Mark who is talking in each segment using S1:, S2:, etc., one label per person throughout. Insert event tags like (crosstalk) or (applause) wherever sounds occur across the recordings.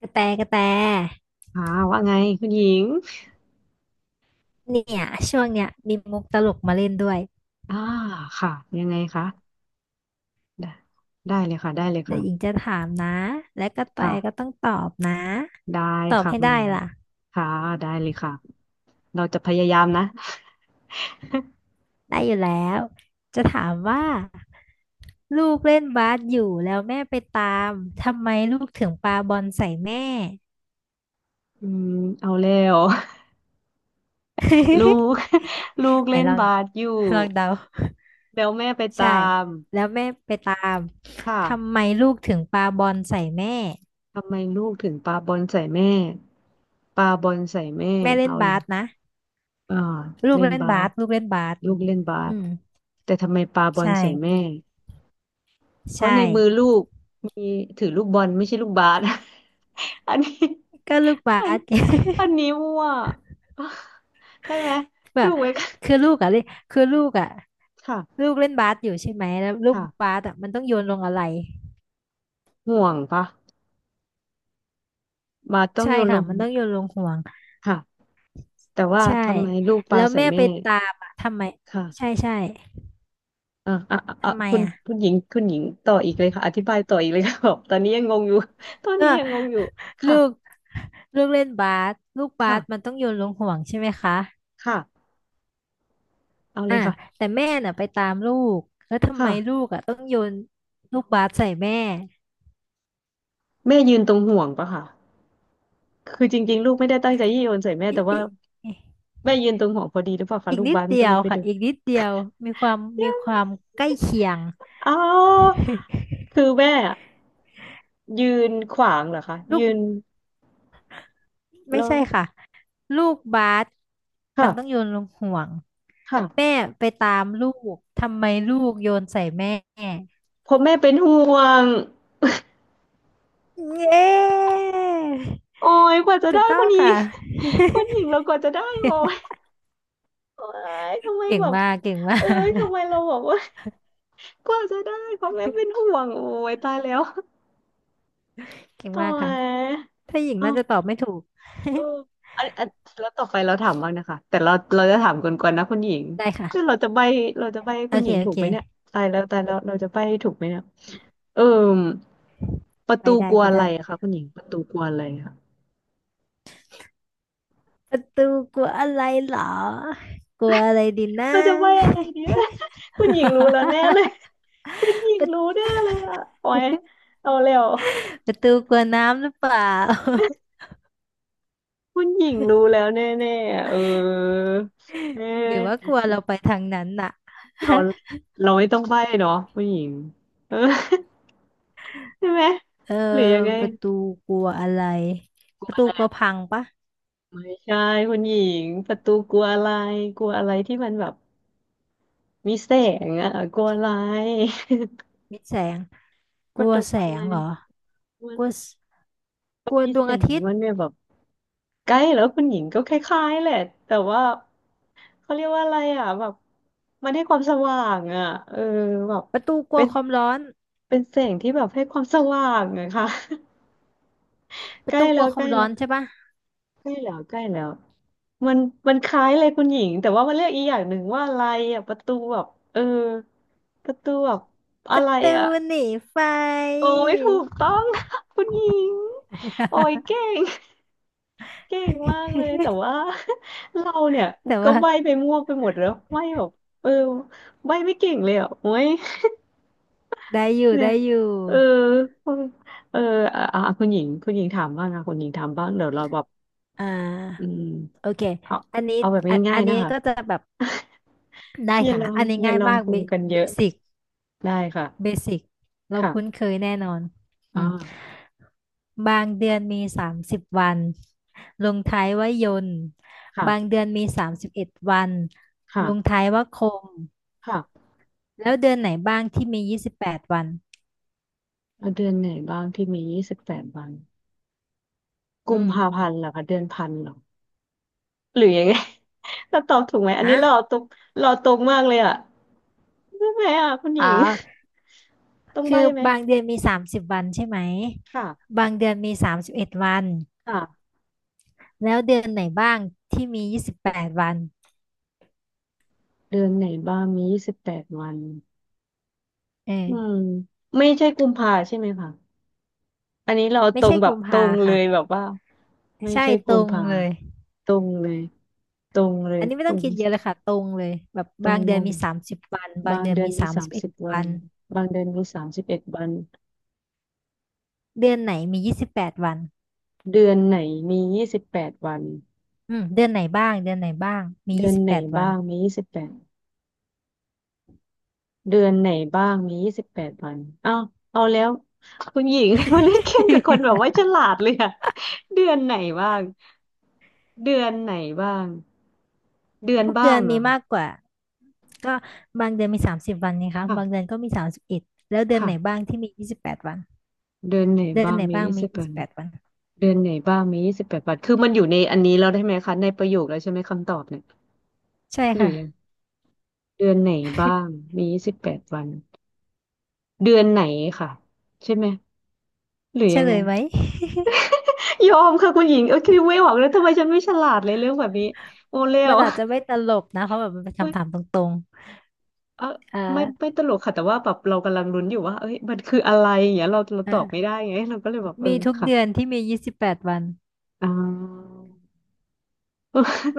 S1: กระแตกระแต
S2: อ่าว่าไงคุณหญิง
S1: เนี่ยช่วงเนี้ยมีมุกตลกมาเล่นด้วย
S2: อ่าค่ะยังไงคะได้ได้เลยค่ะได้เลย
S1: เดี๋ย
S2: ค่ะ
S1: วหญิงจะถามนะและกระแต
S2: ค่ะ
S1: ก็ต้องตอบนะ
S2: ได้
S1: ตอบ
S2: ค่ะ
S1: ให้
S2: คุณ
S1: ได้
S2: หญิง
S1: ล่ะ
S2: ค่ะได้เลยค่ะเราจะพยายามนะ
S1: ได้อยู่แล้วจะถามว่าลูกเล่นบาสอยู่แล้วแม่ไปตามทำไมลูกถึงปาบอลใส่แม่
S2: อืมเอาแล้ว (laughs) ลู
S1: (laughs)
S2: ก (laughs) ลูก
S1: ไหน
S2: เล่น
S1: ลอง
S2: บาสอยู่
S1: ลองเดา
S2: แล้วแม่ไปตา
S1: ใช่
S2: ม
S1: แล้วแม่ไปตามทำ
S2: ค่ะ
S1: ไมลูกถึงปาบอลใส่แม่
S2: ทำไมลูกถึงปาบอลใส่แม่ปาบอลใส่แม่
S1: แม่เล่น
S2: เอาเล
S1: บา
S2: ย
S1: สนะ
S2: อ่า
S1: ลูก
S2: เล่น
S1: เล่น
S2: บา
S1: บาส
S2: ส
S1: ลูกเล่นบาส
S2: ลูกเล่นบาส
S1: อืม
S2: แต่ทำไมปาบอ
S1: ใช
S2: ลใส่แม่
S1: ่
S2: เพราะใน
S1: ใช่
S2: มือลูกมีถือลูกบอลไม่ใช่ลูกบาส (laughs) อันนี้
S1: ก็ลูกบา
S2: อัน
S1: ส
S2: อันนี้มั่ว (laughs) ใช่ไหม
S1: (laughs) แบ
S2: ถู
S1: บ
S2: กไหมคะ
S1: คือลูกอ่ะเล่นคือลูกอะ
S2: ค่ะ
S1: ลูกเล่นบาสอยู่ใช่ไหมแล้วลูกบา
S2: ค่ะ
S1: สอะมันต้องโยนลงอะไร
S2: ห่วงปะบาสต้อง
S1: ใช่
S2: โยนล
S1: ค่ะ
S2: ง
S1: มันต้องโยนลงห่วง
S2: ค่ะแต่ว่า
S1: ใช่
S2: ทำไมลูกป
S1: แล้
S2: ลา
S1: ว
S2: ใส่
S1: แม่
S2: แม่
S1: ไปตามอะทำไมใช่
S2: ค่ะ
S1: ใช่
S2: อ่ะอ่ะอ่ะอ่ะ
S1: ทำไม
S2: คุณ
S1: อ่ะ
S2: คุณหญิงคุณหญิงต่ออีกเลยค่ะอธิบายต่ออีกเลยค่ะ (laughs) บอกตอนนี้ยังงงอยู่ (laughs) ตอน
S1: ก็
S2: นี้ยังงง
S1: (laughs)
S2: อยู่
S1: ลู
S2: ค่ะ
S1: กลูกเล่นบาสลูกบาสมัน
S2: ค่ะ
S1: ต้องโยนลงห่วงใช่ไหมคะ
S2: ค่ะเอาเล
S1: อ่ะ
S2: ยค่ะ
S1: แต่แม่น่ะไปตามลูกแล้วทำไม
S2: ค่ะ
S1: ลูกอ่ะต้องโยนลูกบาสใส่แม่
S2: แม่ยืนตรงห่วงปะค่ะ คือจริงๆลูกไม่ได้ตั้งใจยี่โยนใส่แม่
S1: อิ
S2: แต่ว่า
S1: อิ
S2: แม่ยืนตรงหัวพอดีหรือเปล่าคะ
S1: อีก
S2: ลูก
S1: นิด
S2: บ้าน
S1: เดี
S2: ก็
S1: ย
S2: เล
S1: ว
S2: ยไป
S1: ค่ะ
S2: ดู
S1: อีกนิดเดียวมีความ
S2: (laughs)
S1: มี
S2: ยัง
S1: ค
S2: ไง
S1: วามใกล้เคียง
S2: อ๋อคือ
S1: (laughs)
S2: แม่อะยืนขวางเหรอคะ
S1: ลู
S2: ยื
S1: ก
S2: น
S1: ไม่
S2: แล้ว
S1: ใช่ค่ะลูกบาสมั
S2: ค่ะ
S1: นต้องโยนลงห่วง
S2: ค่ะ
S1: แม่ไปตามลูกทำไมลูกโยนใส่แม่
S2: เพราะแม่เป็นห่วง
S1: เย้
S2: โอ้ยกว่าจะ
S1: ถู
S2: ได้
S1: กต้
S2: ค
S1: อง
S2: นนี้
S1: ค่ะ
S2: (laughs) คนหญิง
S1: (laughs)
S2: เรากว่าจะได้โอ้ยโอ้ยทำไม
S1: เก่ง
S2: แบบ
S1: มากเก่งมา
S2: เอ้ย
S1: ก
S2: ทำไมเราบอกว่า (laughs) กว่าจะได้เพราะแม่เป็นห่วงโอ้ยตายแล้ว
S1: เก่ง
S2: โ
S1: มากค่ะ
S2: อ
S1: ถ้าหญิง
S2: ้
S1: น่า
S2: ย
S1: จะตอบไม่ถูก
S2: เอออันอันแล้วต่อไปเราถามบ้างนะคะแต่เราจะถามกวนๆนะคุณหญิง
S1: (laughs) ได้
S2: คือเรา
S1: ค่ะ
S2: จะใบ้เราจะใบ้ให้
S1: โอ
S2: คุณห
S1: เค
S2: ญิง
S1: โอ
S2: ถูก
S1: เค
S2: ไหมเนี่ยตายแล้วตายแล้วเราจะใบ้ให้ถูกไหมเนี่ยเออประ
S1: ไป
S2: ตู
S1: ได้
S2: กลัว
S1: ไป
S2: อะไร
S1: ได้
S2: อะคะคุณหญิงประตูกลัวอะไรอะ
S1: ประตูกลัวอะไรเหรอกลัวอะไรดีนะ
S2: เราจะใบ้อะไรเนี่ย (laughs) คุณหญิงรู้แล้วแน่เลย (laughs) คุณหญิ
S1: (laughs) ป
S2: ง
S1: ระ
S2: รู้แน่เลยอะโอ้ยเอาแล้ว
S1: ตูกลัวน้ำหรือเปล่า (laughs)
S2: คุณหญิงรู้แล้วแน่ๆอะเออเอ
S1: หรือว่า
S2: อ
S1: กลัวเราไปทางนั้นน่ะ
S2: เรา
S1: (laughs)
S2: เราไม่ต้องใบ้เนาะคุณหญิงเออ (laughs) ใช่ไหม
S1: เออ
S2: หรือยังไง
S1: ประตูกลัวอะไรประตูกลัวพังปะ
S2: ไม่ใช่คุณหญิงประตูกลัวอะไรกลัวอะไรที่มันแบบมีแสงอ่ะกลัวอะไร (laughs)
S1: มิดแสง
S2: ป
S1: กลั
S2: ระ
S1: ว
S2: ตูก
S1: แส
S2: ลัว
S1: ง
S2: อะไร
S1: เหรอ
S2: มั
S1: กลัว
S2: น
S1: สกลัว
S2: มี
S1: ดว
S2: แส
S1: งอา
S2: ง
S1: ทิต
S2: มั
S1: ย์
S2: นเนี่ยแบบใกล้แล้วคุณหญิงก็คล้ายๆแหละแต่ว่าเขาเรียกว่าอะไรอ่ะแบบมันให้ความสว่างอ่ะเออแบบ
S1: ประตูกลั
S2: เป็
S1: ว
S2: น
S1: ความร้อน
S2: เป็นแสงที่แบบให้ความสว่างอะค่ะ (laughs)
S1: ป
S2: ใก
S1: ระ
S2: ล้
S1: ตูก
S2: แล้
S1: ลัว
S2: ว
S1: ค
S2: ใก
S1: วา
S2: ล้
S1: มร้อ
S2: แล้
S1: น
S2: ว
S1: ใช่ปะ
S2: ใกล้แล้วใกล้แล้วมันมันคล้ายเลยคุณหญิงแต่ว่ามันเรียกอีกอย่างหนึ่งว่าอะไรอ่ะประตูแบบเออประตูแบบ
S1: ป
S2: อะ
S1: ระ
S2: ไร
S1: ตู
S2: อ่ะ
S1: หนีไฟ
S2: โอ้ยถูกต้อง (laughs) คุณหญิงโอ้ยเก่งเก่งมากเลยแต่ว่า (laughs) เราเนี่ย
S1: (laughs) แต่
S2: ก็
S1: ว่า
S2: ใบ้ไปมั่วไปหมดแล้วใบ้แบบเออใบ้ไม่เก่งเลยอ่ะโอ้ย
S1: ได้
S2: (laughs)
S1: อยู่
S2: เนี่ย
S1: ได้อยู่
S2: เออเอออ่ะอ่ะคุณหญิงคุณหญิงถามบ้างนะคุณหญิงถามบ้างเดี๋ยวเราแบบ
S1: อ่
S2: อื
S1: า
S2: ม
S1: โอเค
S2: เอา
S1: อันนี้
S2: เอาแบบ
S1: อัน
S2: ง่า
S1: อั
S2: ย
S1: น
S2: ๆนะ
S1: นี้
S2: คะ
S1: ก็จะแบบ (coughs) ได้
S2: อย่า
S1: ค่ะ
S2: ลอง
S1: อันนี้
S2: อย่า
S1: ง่าย
S2: ลอง
S1: มาก
S2: ปรุงกันเยอะ
S1: เสิก
S2: ได้
S1: เบ
S2: ค่ะ
S1: สิกเราคุ้น
S2: ค่ะ
S1: เคยแน่นอนอืม
S2: อ่า
S1: บางเดือนมีสามสิบวันลงท้ายว่ายนต์บาง
S2: ค่ะ
S1: เดือนมีสามสิบเอ็ดวันลง
S2: ค่ะ
S1: ท้ายว่าคม
S2: ค่ะ
S1: แล้วเดือนไหนบ้างที่มียี่สิบแปดวัน
S2: เอาเดือนไหนบ้างที่มียี่สิบแปดวัน
S1: อื
S2: กุมภา
S1: ม
S2: พันธ์เหรอคะเดือนพันเหรอหรือยังไง (laughs) เรา (laughs) ตอบถูกไหมอันนี้
S1: ฮะ
S2: เราอตรงเราอตรงมากเลยอ่ะใช่ไหมอ่ะคุณห
S1: อ๋อ
S2: ญิง (laughs) ต้อง
S1: คื
S2: ใบ้
S1: อ
S2: ไหม
S1: บางเดือนมีสามสิบวันใช่ไหม
S2: ค่ะ
S1: บางเดือนมีสามสิบเอ็ดวัน
S2: ค่ะ
S1: แล้วเดือนไหนบ้างที่มี28วัน
S2: เดือนไหนบ้างมียี่สิบแปดวัน
S1: เอ
S2: อืม
S1: อ
S2: ไม่ใช่กุมภาใช่ไหมคะอันนี้เรอา
S1: ไม่
S2: ตรง
S1: ใช่
S2: แบบ
S1: กุม
S2: ตร
S1: ภา
S2: งเล
S1: ค่ะ
S2: ยแบบว่าไม่
S1: ใช่
S2: ใช่
S1: ต
S2: กุ
S1: ร
S2: ม
S1: ง
S2: ภา
S1: เลย
S2: ตรงเลย ตรงเลย
S1: อันนี้ไม่
S2: ตร
S1: ต้อง
S2: ง
S1: คิดเยอะเลยค่ะตรงเลยแบบ
S2: ตร
S1: บา
S2: ง
S1: งเดือ
S2: วั
S1: น
S2: น
S1: มีสามสิบวันบาง
S2: บาง
S1: เดือน
S2: เดือน
S1: มี
S2: มี
S1: สาม
S2: สา
S1: สิ
S2: ม
S1: บเอ็ด
S2: สิบวั
S1: วั
S2: น
S1: น
S2: บางเดือนมี31 วัน
S1: เดือนไหนมียี่สิบแปดวัน
S2: เดือนไหนมียี่สิบแปดวัน
S1: อืมเดือนไหนบ้างเดือนไหนบ้างมี
S2: เดื
S1: ยี่
S2: อน
S1: สิบ
S2: ไหน
S1: แปดวัน
S2: บ้าง
S1: (laughs)
S2: มียี่สิบแปดเดือนไหนบ้างมียี่สิบแปดวันเอาเอาแล้วคุณหญิง (laughs) มาเล่นเกมกับคนแบบว่าฉลาดเลยอะเดือนไหนบ้างเดือนไหนบ้างเดือน
S1: ทุก
S2: บ้า
S1: เดือ
S2: ง
S1: น
S2: เหร
S1: มี
S2: อคะ
S1: มากกว่าก็บางเดือนมีสามสิบวันนะคะบางเดือ
S2: ค่ะ
S1: นก็มีสามสิบเอ็ดแล้วเดือนไหน
S2: ค่ะ
S1: บ้างที่มียี่สิบแปดวัน
S2: เดือนไหน
S1: เดือน
S2: บ้าง
S1: ไหน
S2: มี
S1: บ้าง
S2: ยี่
S1: มี
S2: สิบแป
S1: ยี่
S2: ด
S1: สิบแปดวัน
S2: เดือนไหนบ้างมียี่สิบแปดวันคือมันอยู่ในอันนี้แล้วได้ไหมคะในประโยคแล้วใช่ไหมคำตอบเนี่ย
S1: ใช่
S2: หรื
S1: ค่ะ
S2: อยัง เดือนไหนบ้างมี28วันเดือนไหนค่ะใช่ไหมหรือ
S1: เฉ
S2: ยัง
S1: ล
S2: ไง
S1: ยไหม
S2: ยอมค่ะคุณหญิงเออคิดไม่ออกเลยทำไมฉันไม่ฉลาดเลยเรื่องแบบนี้โอเล่
S1: มั
S2: ว
S1: นอาจ
S2: (laughs)
S1: จะไม่ตลกนะเพราะแบบมันเป็น
S2: เอ
S1: คำถาม
S2: ย
S1: ตรง
S2: เออ
S1: ๆอ่า
S2: ไม่ตลกค่ะแต่ว่าแบบเรากำลังลุ้นอยู่ว่าเอ้ยมันคืออะไรอย่างเงี้ยเราตอบไม่
S1: อ่า
S2: ได้ไง (laughs) เราก็เลยแบบเออ
S1: มีทุก
S2: ค่ะ
S1: เดือนที่มียี่สิบแปดวัน
S2: อ่า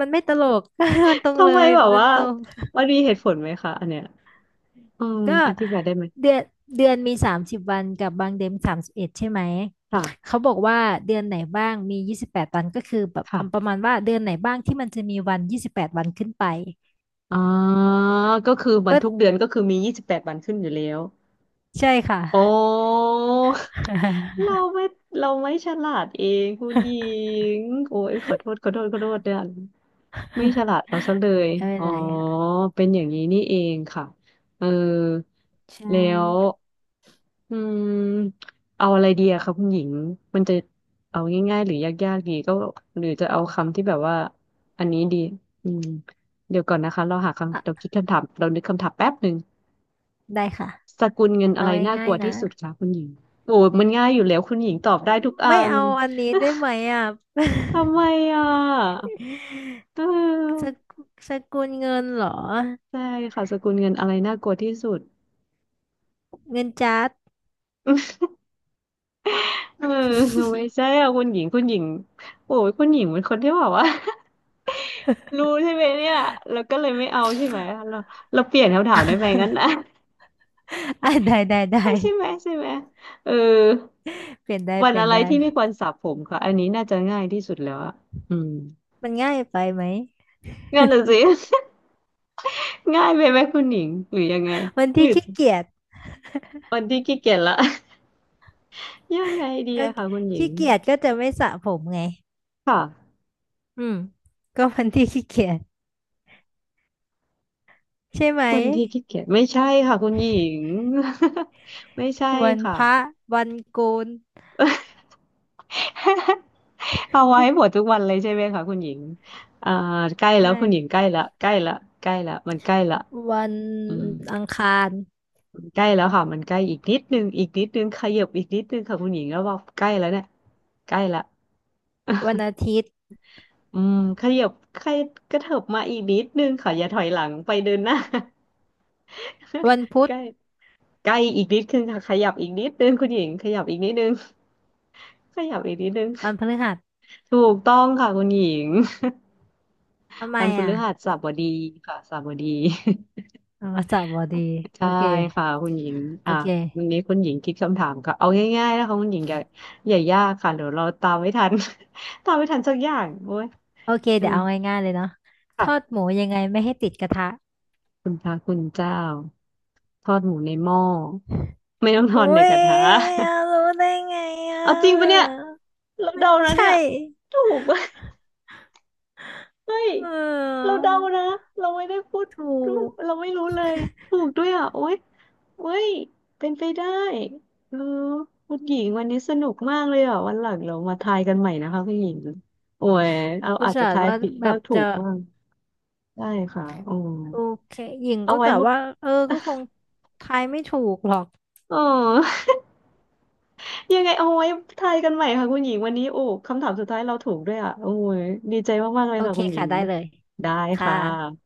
S1: มันไม่ ตลก (laughs) มันตรงเล
S2: ทำไม
S1: ย
S2: แบบ
S1: มัน
S2: ว่า
S1: ตรง
S2: มันมีเหตุผลไหมคะอันเนี้ยอืม
S1: ก็
S2: อธิบายได้ไหม
S1: เดือนเดือนมีสามสิบวันกับบางเดือนมีสามสิบเอ็ดใช่ไหม
S2: ค่ะ
S1: เขาบอกว่าเดือนไหนบ้างมียี่สิบแปดวันก็คือแบบประ
S2: ค่ะ
S1: มาณว่าเดือนไหนบ้างที่มันจะมีวันยี่สิบแปดวันขึ้นไป
S2: อ๋อก็คือวัน
S1: ก็
S2: ทุกเดือนก็คือมียี่สิบแปดวันขึ้นอยู่แล้ว
S1: ใช่ค่ะ
S2: โอ้เราไม่เราไม่ฉลาดเองคุณหญิงโอ้ยขอโทษขอโทษขอโทษเนี่ยไม่ฉลาดเอาซะเลย
S1: (laughs) ไม่เป็
S2: อ๋
S1: น
S2: อ
S1: ไรค่ะ
S2: เป็นอย่างนี้นี่เองค่ะเออ
S1: ใช่
S2: แล้วอืมเอาอะไรดีอะคะคุณหญิงมันจะเอาง่ายๆหรือยากๆดีก็หรือจะเอาคำที่แบบว่าอันนี้ดีอืมเดี๋ยวก่อนนะคะเราหาคำเรา
S1: อ่ะ
S2: คิดคำถามเรานึกคำถามแป๊บหนึ่ง
S1: ได้ค่ะ
S2: สกุลเงินอะ
S1: เอา
S2: ไรน่าก
S1: ง่าย
S2: ลัว
S1: ๆนะ
S2: ที่สุดคะคุณหญิงโอ้มันง่ายอยู่แล้วคุณหญิงตอบได้ทุกอั
S1: ไม่
S2: น
S1: เอาอันนี้ได้ไหมอ่ะ (laughs)
S2: ทำไมอ่ะเ
S1: ส
S2: ออ
S1: กุสกุลเงินเหรอ
S2: ใช่ค่ะสกุลเงินอะไรน่ากลัวที่สุด
S1: เงินจัด
S2: เออไม่ใช่อ่ะคุณหญิงคุณหญิงโอ้ยคุณหญิงเป็นคนที่แบบว่า (laughs) รู้ใช่ไหมเนี่ยแล้วก็เลยไม่เอาใช่ไหมเราเราเปลี่ยนคำถามได้ไหมงั้นนะ
S1: (laughs) อ่ะได้ได้ได้
S2: (laughs) ใช่ไหมใช่ไหมเออ
S1: เปลี่ยนได้
S2: วั
S1: เป
S2: น
S1: ลี่ย
S2: อะ
S1: น
S2: ไร
S1: ได้
S2: ที่ไม่ควรสระผมค่ะอันนี้น่าจะง่ายที่สุดแล้วอะอืม
S1: มันง่ายไปไหม
S2: งั้นน่ะสิ (laughs) ง่ายไปไหมคุณหญิงหรือยังไง
S1: วัน
S2: ห
S1: ที่
S2: รือ
S1: ขี้เกียจ
S2: วันที่ขี้เกียจละ (laughs) ยังไงดี
S1: ก็
S2: อะค่ะคุณหญิง
S1: ขี้เกียจก็จะไม่สระผมไง
S2: ค่ะ
S1: อืม ก็วันที่ขี้เกียจใช่ไหม
S2: วันที่ขี้เกียจไม่ใช่ค่ะคุณหญิง (laughs) ไม่ใช่
S1: วัน
S2: ค่ะ
S1: พระวันโกน
S2: (laughs) เอาไว้หมดทุกวันเลยใช่ไหมคะคุณหญิงอ่าใกล้แล้วคุณหญิง
S1: ใช่
S2: ใกล้ละใกล้ละใกล้ละมันใกล้ละ
S1: วัน
S2: อืม
S1: อังคาร
S2: มันใกล้แล้วค่ะมันใกล้อีกนิดนึงอีกนิดนึงขยับอีกนิดนึงค่ะคุณหญิงแล้วว่าใกล้แล้วเนี่ยใกล้ละ
S1: วันอาทิตย์
S2: อืมขยับขยกระเถิบมาอีกนิดนึงค่ะอย่าถอยหลังไปเดินหน้า
S1: วันพุ
S2: (laughs) ใก
S1: ธ
S2: ล้ใกล้อีกนิดนึงค่ะขยับอีกนิดนึงคุณหญิงขยับอีกนิดนึงขยับอีกนิดนึง
S1: วันพฤหัส
S2: ถูกต้องค่ะคุณหญิง
S1: ทำ
S2: (laughs)
S1: ไม
S2: วันพ
S1: อ่ะ
S2: ฤหัสบดีค่ะสบดี
S1: อ่ามัสสบอดี
S2: (laughs)
S1: โอ
S2: ใช่
S1: เค
S2: ค่ะคุณหญิง
S1: โอ
S2: อ่ะ
S1: เค
S2: วันนี้คุณหญิงคิดคำถามค่ะเอาง่ายๆนะคะคุณหญิงอย่าอย่ายากค่ะเดี๋ยวเราตามไม่ทัน (laughs) ตามไม่ทันสักอย่างโอ้ย
S1: โอเค
S2: เออ
S1: เดี๋ยวเอาง่ายๆเลยเนาะท
S2: ค่ะ
S1: อดหมูยังไงไม่ให้ติดกระทะ
S2: คุณพระคุณเจ้าทอดหมูในหม้อไม่ต้องทอดใน
S1: อุ้
S2: ก
S1: ย
S2: ระทะ (laughs)
S1: รู้ได้ไงอ่
S2: เอาจริงปะเนี่ย
S1: ะ
S2: เรา
S1: ไม่
S2: เดานะเนี่ย
S1: ใช่
S2: ถูกปะเฮ้ย
S1: เ
S2: เรา
S1: ออ
S2: เดานะเราไม่ได้พูด
S1: ถูก
S2: เราไม่รู้เลยถูกด้วยอ่ะโอ๊ยโอ๊ยเป็นไปได้เออคุณหญิงวันนี้สนุกมากเลยอ่ะวันหลังเรามาทายกันใหม่นะคะคุณหญิงโอ้ยเอา
S1: อุต
S2: อาจจะ
S1: ส่าห์
S2: ทาย
S1: ว่า
S2: ผิด
S1: แบ
S2: บ้า
S1: บ
S2: งถู
S1: จะ
S2: กบ้างได้ค่ะโอ้
S1: โอเคหญิง
S2: เอา
S1: ก็
S2: ไว้
S1: กะ
S2: บอก
S1: ว่าเออก็คงทายไม่ถูกหรอก
S2: เออ ยังไงเอาไว้ทายกันใหม่ค่ะคุณหญิงวันนี้โอ้คำถามสุดท้ายเราถูกด้วยอ่ะโอ้ยดีใจมากๆเลย
S1: โอ
S2: ค่ะ
S1: เค
S2: คุณหญิ
S1: ค่ะ
S2: ง
S1: ได้เลย
S2: ได้
S1: ค่
S2: ค่ะ
S1: ะ